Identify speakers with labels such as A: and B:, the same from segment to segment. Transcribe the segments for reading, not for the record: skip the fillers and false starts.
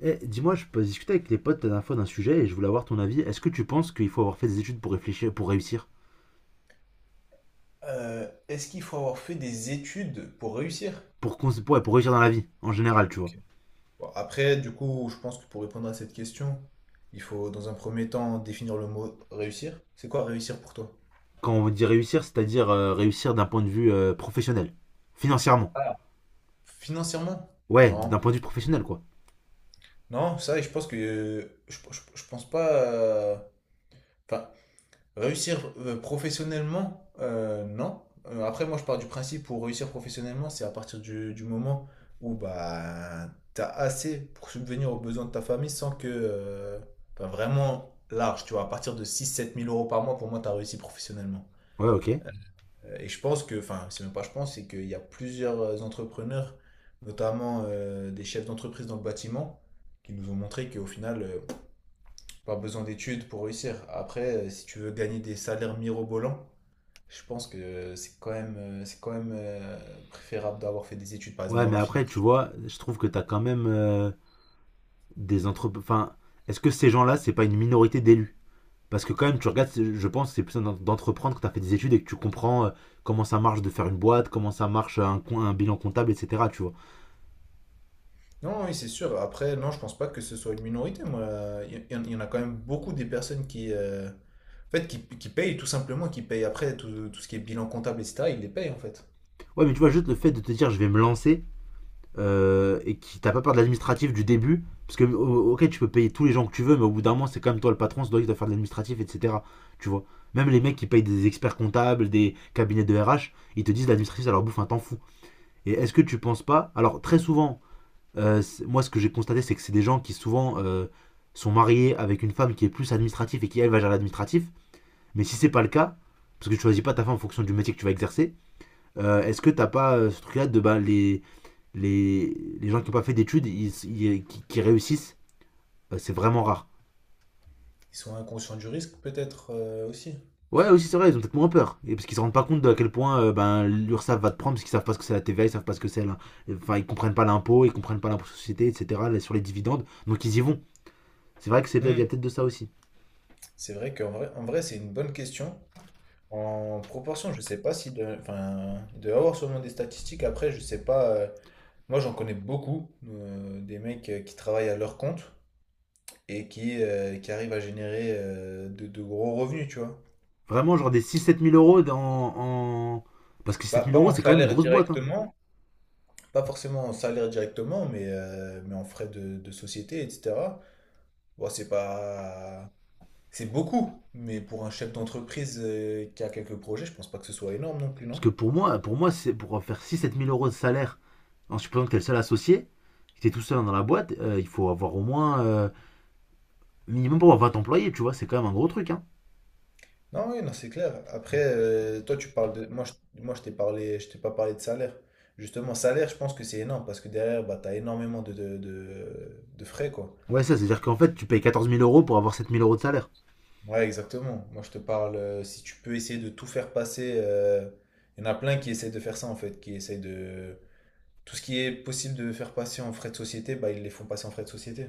A: Eh, dis-moi, je peux discuter avec les potes la dernière fois d'un sujet et je voulais avoir ton avis. Est-ce que tu penses qu'il faut avoir fait des études pour réfléchir, pour réussir?
B: Est-ce qu'il faut avoir fait des études pour réussir?
A: Ouais, pour réussir dans la vie, en général, tu vois.
B: Ok. Bon, après, du coup, je pense que pour répondre à cette question, il faut dans un premier temps définir le mot réussir. C'est quoi réussir pour toi?
A: Quand on dit réussir, c'est-à-dire réussir d'un point de vue professionnel, financièrement.
B: Ah. Financièrement?
A: Ouais, d'un
B: Non.
A: point de vue professionnel, quoi.
B: Non, ça, je pense que je pense pas. Enfin, réussir professionnellement, non. Après, moi, je pars du principe pour réussir professionnellement, c'est à partir du moment où bah, tu as assez pour subvenir aux besoins de ta famille sans que, enfin, vraiment large, tu vois. À partir de 6 7 000 euros par mois, pour moi, tu as réussi professionnellement.
A: Ouais, ok.
B: Et je pense que. Enfin, c'est même pas je pense, c'est qu'il y a plusieurs entrepreneurs, notamment des chefs d'entreprise dans le bâtiment, qui nous ont montré qu'au final, pas besoin d'études pour réussir. Après, si tu veux gagner des salaires mirobolants, je pense que c'est quand même, préférable d'avoir fait des études, par exemple,
A: Ouais,
B: dans
A: mais
B: la
A: après,
B: finance.
A: tu
B: Tu
A: vois, je trouve que t'as quand même des entreprises. Enfin, est-ce que ces gens-là, c'est pas une minorité d'élus? Parce que quand même, tu regardes, je pense, que c'est plus d'entreprendre quand t'as fait des études et que tu comprends comment ça marche de faire une boîte, comment ça marche un bilan comptable, etc. Tu vois.
B: vois. Non, oui, c'est sûr. Après, non, je pense pas que ce soit une minorité, moi. Il y en a quand même beaucoup des personnes en fait, qui payent, tout simplement, qui payent après tout ce qui est bilan comptable, etc. Ils les payent, en fait.
A: Ouais, mais tu vois, juste le fait de te dire je vais me lancer et qui t'as pas peur de l'administratif du début, parce que ok, tu peux payer tous les gens que tu veux, mais au bout d'un moment, c'est quand même toi le patron, c'est toi qui dois faire de l'administratif, etc. Tu vois, même les mecs qui payent des experts comptables, des cabinets de RH, ils te disent l'administratif ça leur bouffe un temps fou. Et est-ce que tu penses pas? Alors, très souvent, moi ce que j'ai constaté, c'est que c'est des gens qui souvent sont mariés avec une femme qui est plus administrative et qui elle va gérer l'administratif, mais si c'est pas le cas, parce que tu choisis pas ta femme en fonction du métier que tu vas exercer, est-ce que t'as pas ce truc là de bah, les, les gens qui n'ont pas fait d'études, qui réussissent, c'est vraiment rare.
B: Ils sont inconscients du risque, peut-être aussi.
A: Ouais, aussi c'est vrai, ils ont peut-être moins peur. Et parce qu'ils se rendent pas compte de à quel point ben, l'URSSAF va te prendre, parce qu'ils savent pas ce que c'est la TVA, ils savent pas ce que c'est enfin, ils comprennent pas l'impôt, ils comprennent pas l'impôt sur la société, etc., là, sur les dividendes, donc ils y vont. C'est vrai que c'est peut-être,
B: Hmm.
A: il y a peut-être de ça aussi.
B: C'est vrai qu'en vrai, en vrai, c'est une bonne question. En proportion, je sais pas si de, enfin, il doit y avoir sûrement des statistiques. Après, je sais pas. Moi, j'en connais beaucoup des mecs qui travaillent à leur compte et qui arrivent à générer de gros revenus, tu vois.
A: Vraiment, genre des six sept mille euros en... parce que six
B: Bah,
A: sept mille
B: pas
A: euros,
B: en
A: c'est quand même une
B: salaire
A: grosse boîte, hein.
B: directement, pas forcément en salaire directement, mais en frais de société, etc. Bon, c'est pas, c'est beaucoup, mais pour un chef d'entreprise qui a quelques projets, je pense pas que ce soit énorme non plus,
A: Parce que
B: non?
A: pour moi c'est pour faire six sept mille euros de salaire, en supposant que t'es le seul associé, que t'es tout seul dans la boîte, il faut avoir au moins minimum pour avoir 20 employés, tu vois, c'est quand même un gros truc, hein.
B: Non, oui, non, c'est clair. Après, toi, tu parles de. Moi, je t'ai parlé, je t'ai pas parlé de salaire. Justement, salaire, je pense que c'est énorme parce que derrière, bah, t'as énormément de frais, quoi.
A: Ouais, ça, c'est-à-dire qu'en fait, tu payes 14 000 euros pour avoir 7 000 euros de salaire.
B: Ouais, exactement. Moi, je te parle, si tu peux essayer de tout faire passer. Il y en a plein qui essaient de faire ça, en fait, qui essaient de. Tout ce qui est possible de faire passer en frais de société, bah, ils les font passer en frais de société.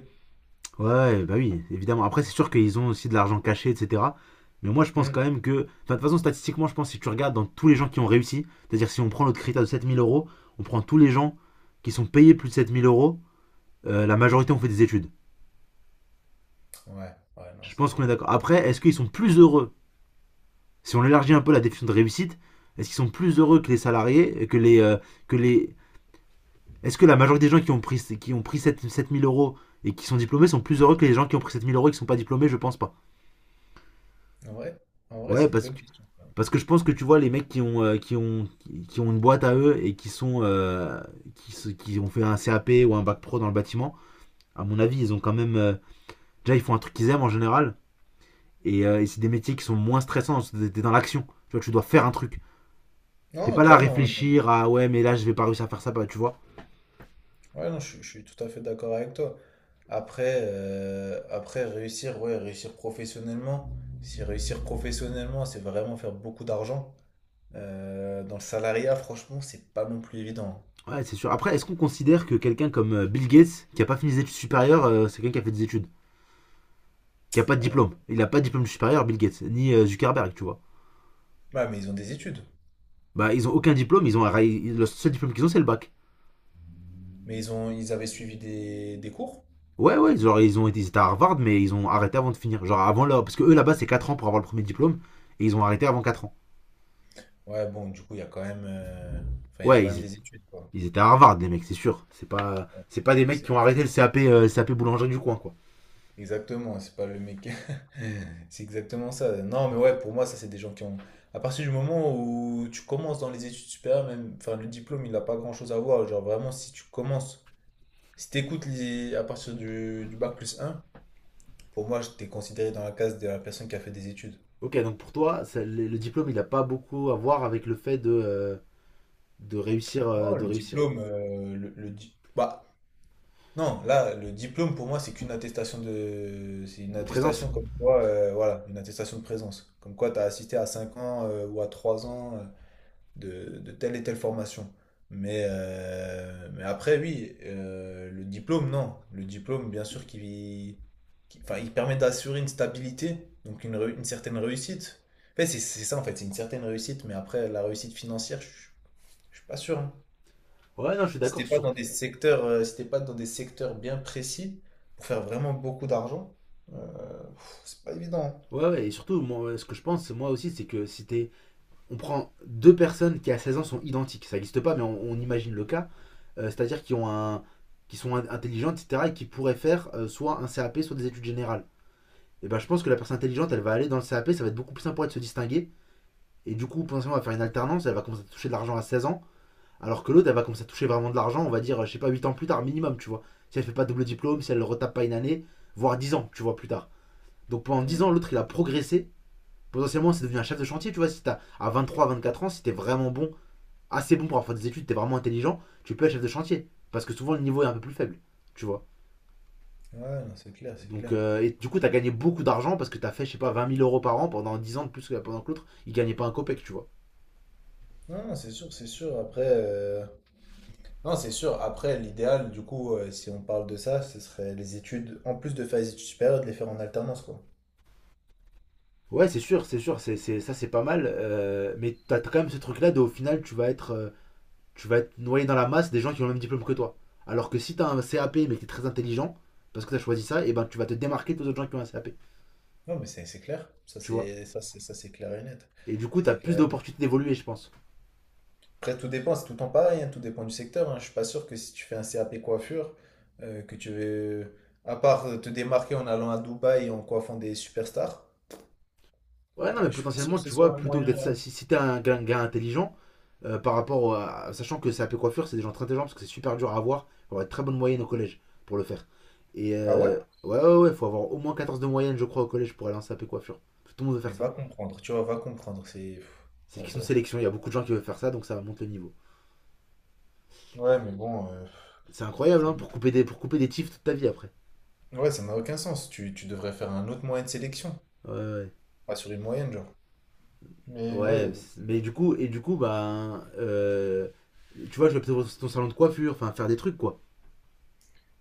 A: Ouais, bah oui, évidemment. Après, c'est sûr qu'ils ont aussi de l'argent caché, etc. Mais moi, je pense quand
B: Hmm.
A: même que, enfin, de toute façon, statistiquement, je pense que si tu regardes dans tous les gens qui ont réussi, c'est-à-dire si on prend notre critère de 7 000 euros, on prend tous les gens qui sont payés plus de 7 000 euros, la majorité ont fait des études.
B: Ouais, ouais, non,
A: Je pense qu'on est d'accord.
B: c'est.
A: Après, est-ce qu'ils sont plus heureux? Si on élargit un peu la définition de réussite, est-ce qu'ils sont plus heureux que les salariés, que les, que les est-ce que la majorité des gens qui ont pris 7000 euros et qui sont diplômés sont plus heureux que les gens qui ont pris 7 000 euros et qui sont pas diplômés? Je pense pas.
B: En vrai, en vrai,
A: Ouais,
B: c'est une bonne question, quoi.
A: parce que je pense que tu vois, les mecs qui ont, une boîte à eux et qui ont fait un CAP ou un bac pro dans le bâtiment, à mon avis, ils ont quand même, déjà, ils font un truc qu'ils aiment en général. Et, c'est des métiers qui sont moins stressants, t'es dans l'action. Tu vois, tu dois faire un truc. T'es
B: Non,
A: pas là à
B: clairement. Ouais.
A: réfléchir à ouais, mais là, je vais pas réussir à faire ça, bah, tu vois.
B: Ouais, non, je suis tout à fait d'accord avec toi. Après réussir, ouais, réussir professionnellement. Si réussir professionnellement, c'est vraiment faire beaucoup d'argent. Dans le salariat, franchement, c'est pas non plus évident.
A: Ouais, c'est sûr. Après, est-ce qu'on considère que quelqu'un comme Bill Gates, qui a pas fini des études supérieures, c'est quelqu'un qui a fait des études, qui a pas de diplôme? Il a pas de diplôme supérieur, Bill Gates, ni Zuckerberg, tu vois.
B: Ouais, mais ils ont des études.
A: Bah, ils ont aucun diplôme, ils ont le seul diplôme qu'ils ont, c'est le bac.
B: Mais ils ont, ils avaient suivi des cours.
A: Ouais, ouais, genre, ils ont été ils étaient à Harvard, mais ils ont arrêté avant de finir. Genre, avant là, parce que eux là-bas, c'est 4 ans pour avoir le premier diplôme, et ils ont arrêté avant 4 ans.
B: Ouais, bon, du coup, il y a quand même, enfin, il y a
A: Ouais,
B: quand même des études, quoi.
A: ils étaient à Harvard, les mecs, c'est sûr. C'est pas des
B: Ouais,
A: mecs
B: c'est-
A: qui ont arrêté le CAP, CAP boulangerie du coin, quoi.
B: Exactement, c'est pas le mec. C'est exactement ça. Non, mais ouais, pour moi, ça, c'est des gens qui ont. À partir du moment où tu commences dans les études supérieures, même, enfin, le diplôme, il n'a pas grand-chose à voir. Genre, vraiment, si tu commences, si t'écoutes à partir du bac plus un pour moi, je t'ai considéré dans la case de la personne qui a fait des études.
A: Ok, donc pour toi, le diplôme, il a pas beaucoup à voir avec le fait de, de réussir,
B: Oh, le diplôme, le di- Bah, non, là, le diplôme, pour moi, c'est qu'une attestation de. C'est une
A: de présence.
B: attestation comme quoi, voilà, une attestation de présence. Comme quoi, t'as assisté à 5 ans, ou à 3 ans de telle et telle formation. Mais après, oui, le diplôme, non. Le diplôme, bien sûr, enfin, il permet d'assurer une stabilité, donc une certaine réussite. En fait, c'est ça, en fait, c'est une certaine réussite, mais après, la réussite financière, je suis pas sûr. Hein.
A: Ouais, non, je suis
B: Si
A: d'accord
B: t'es pas
A: sur.
B: dans des secteurs, si t'es pas dans des secteurs bien précis, pour faire vraiment beaucoup d'argent, c'est pas évident.
A: Ouais, ouais, et surtout, moi, ce que je pense, moi aussi, c'est que si t'es. On prend deux personnes qui à 16 ans sont identiques, ça n'existe pas, mais on imagine le cas, c'est-à-dire qui ont un, qui sont intelligentes, etc., et qui pourraient faire soit un CAP, soit des études générales. Et ben, je pense que la personne intelligente, elle va aller dans le CAP, ça va être beaucoup plus simple pour elle de se distinguer, et du coup, potentiellement, elle va faire une alternance, elle va commencer à toucher de l'argent à 16 ans. Alors que l'autre, elle va commencer à toucher vraiment de l'argent, on va dire, je sais pas, 8 ans plus tard minimum, tu vois. Si elle fait pas double diplôme, si elle retape pas une année, voire 10 ans, tu vois, plus tard. Donc pendant 10 ans,
B: Hein.
A: l'autre, il a progressé. Potentiellement, c'est devenu un chef de chantier, tu vois. Si t'as à 23, 24 ans, si t'es vraiment bon, assez bon pour avoir fait des études, t'es vraiment intelligent, tu peux être chef de chantier. Parce que souvent, le niveau est un peu plus faible, tu vois.
B: Hmm. Ouais, non, c'est clair, c'est
A: Donc,
B: clair.
A: et du coup, t'as gagné beaucoup d'argent parce que t'as fait, je sais pas, 20 000 euros par an pendant 10 ans de plus que pendant que l'autre, il gagnait pas un copec, tu vois.
B: Non, non, c'est sûr, c'est sûr. Après, non, c'est sûr. Après, l'idéal, du coup, si on parle de ça, ce serait les études, en plus de faire les études supérieures, de les faire en alternance, quoi.
A: Ouais, c'est sûr, ça c'est pas mal, mais t'as quand même ce truc-là de au final, tu vas être, tu vas être noyé dans la masse des gens qui ont le même diplôme que toi. Alors que si t'as un CAP mais que t'es très intelligent, parce que t'as choisi ça, et ben tu vas te démarquer des autres gens qui ont un CAP.
B: Non, mais c'est clair. Ça,
A: Tu vois.
B: c'est ça, c'est ça, c'est clair et net.
A: Et du coup, t'as
B: C'est
A: plus
B: clair et net.
A: d'opportunités d'évoluer, je pense.
B: Après, tout dépend, c'est tout le temps pareil, hein, tout dépend du secteur. Hein. Je suis pas sûr que si tu fais un CAP coiffure, que tu veux, à part te démarquer en allant à Dubaï et en coiffant des superstars,
A: Ouais, non, mais
B: je suis pas sûr
A: potentiellement,
B: que ce
A: tu vois,
B: soit un
A: plutôt que
B: moyen.
A: d'être,
B: Là.
A: si, si t'es un gars intelligent, par rapport à. Sachant que CAP coiffure, c'est des gens très intelligents parce que c'est super dur à avoir. Il faut avoir une très bonne moyenne au collège pour le faire.
B: Ah ouais?
A: Ouais, ouais, ouais, il faut avoir au moins 14 de moyenne, je crois, au collège pour aller en CAP coiffure. Tout le monde veut
B: Mais
A: faire ça.
B: va comprendre, tu vois, va comprendre. C'est.
A: C'est une
B: Ouais,
A: question de
B: bref.
A: sélection, il y a beaucoup de gens qui veulent faire ça, donc ça monte le niveau.
B: Ouais, mais bon,
A: C'est incroyable,
B: ça-
A: hein, pour couper des tifs toute ta vie après.
B: Ouais, ça n'a aucun sens. Tu devrais faire un autre moyen de sélection.
A: Ouais, ouais.
B: Pas sur une moyenne, genre. Mais
A: Ouais,
B: ouais.
A: mais du coup, bah tu vois, je vais peut-être dans ton salon de coiffure, enfin, faire des trucs, quoi.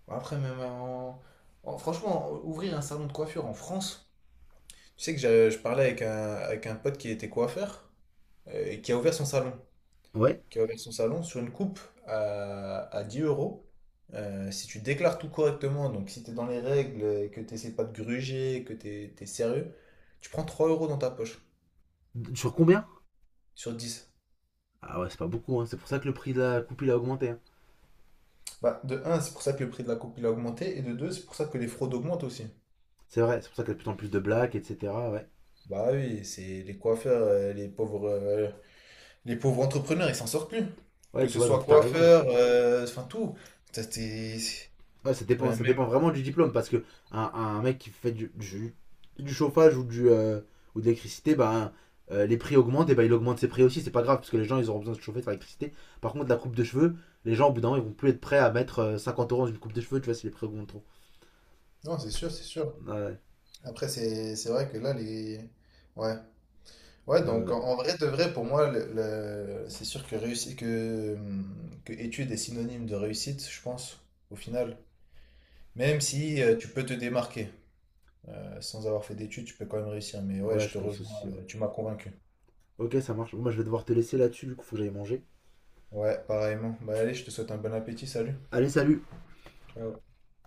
B: Après, même Franchement, ouvrir un salon de coiffure en France. Tu sais que je parlais avec un pote qui était coiffeur et qui a ouvert son salon.
A: Ouais.
B: Qui a ouvert son salon sur une coupe à 10 euros. Si tu déclares tout correctement, donc si tu es dans les règles, et que tu n'essaies pas de gruger, que tu es, sérieux, tu prends 3 euros dans ta poche
A: Sur combien?
B: sur 10.
A: Ah ouais, c'est pas beaucoup, hein. C'est pour ça que le prix de la coupe, il a augmenté, hein.
B: Bah, de un, c'est pour ça que le prix de la coupe il a augmenté, et de deux, c'est pour ça que les fraudes augmentent aussi.
A: C'est vrai, c'est pour ça qu'il y a de plus en plus de blagues, etc. Ouais.
B: Bah oui, c'est les coiffeurs, les pauvres, les pauvres entrepreneurs, ils s'en sortent plus. Que
A: Ouais, tu
B: ce
A: vois,
B: soit
A: donc t'as raison.
B: coiffeur, enfin tout. Ça,
A: Ouais, ça dépend,
B: ouais,
A: ça
B: même.
A: dépend vraiment du diplôme parce que un mec qui fait du chauffage ou de l'électricité, bah, les prix augmentent et bah, il augmente ses prix aussi. C'est pas grave parce que les gens ils auront besoin de se chauffer, de faire l'électricité. Par contre, la coupe de cheveux, les gens au bout d'un moment ils vont plus être prêts à mettre 50 euros dans une coupe de cheveux, tu vois, si les prix augmentent trop.
B: Non, c'est sûr, c'est sûr.
A: Ouais,
B: Après, c'est vrai que là, les. Ouais. Ouais, donc en,
A: ouais,
B: en vrai de vrai, pour moi, c'est sûr que que étude est synonyme de réussite, je pense, au final. Même si tu peux te démarquer. Sans avoir fait d'études, tu peux quand même réussir. Mais ouais,
A: ouais,
B: je
A: je
B: te
A: pense
B: rejoins,
A: aussi, ouais.
B: tu m'as convaincu.
A: Ok, ça marche. Bon, moi je vais devoir te laisser là-dessus, du coup, faut que j'aille manger.
B: Ouais, pareillement. Bah allez, je te souhaite un bon appétit, salut.
A: Allez, salut!
B: Ciao.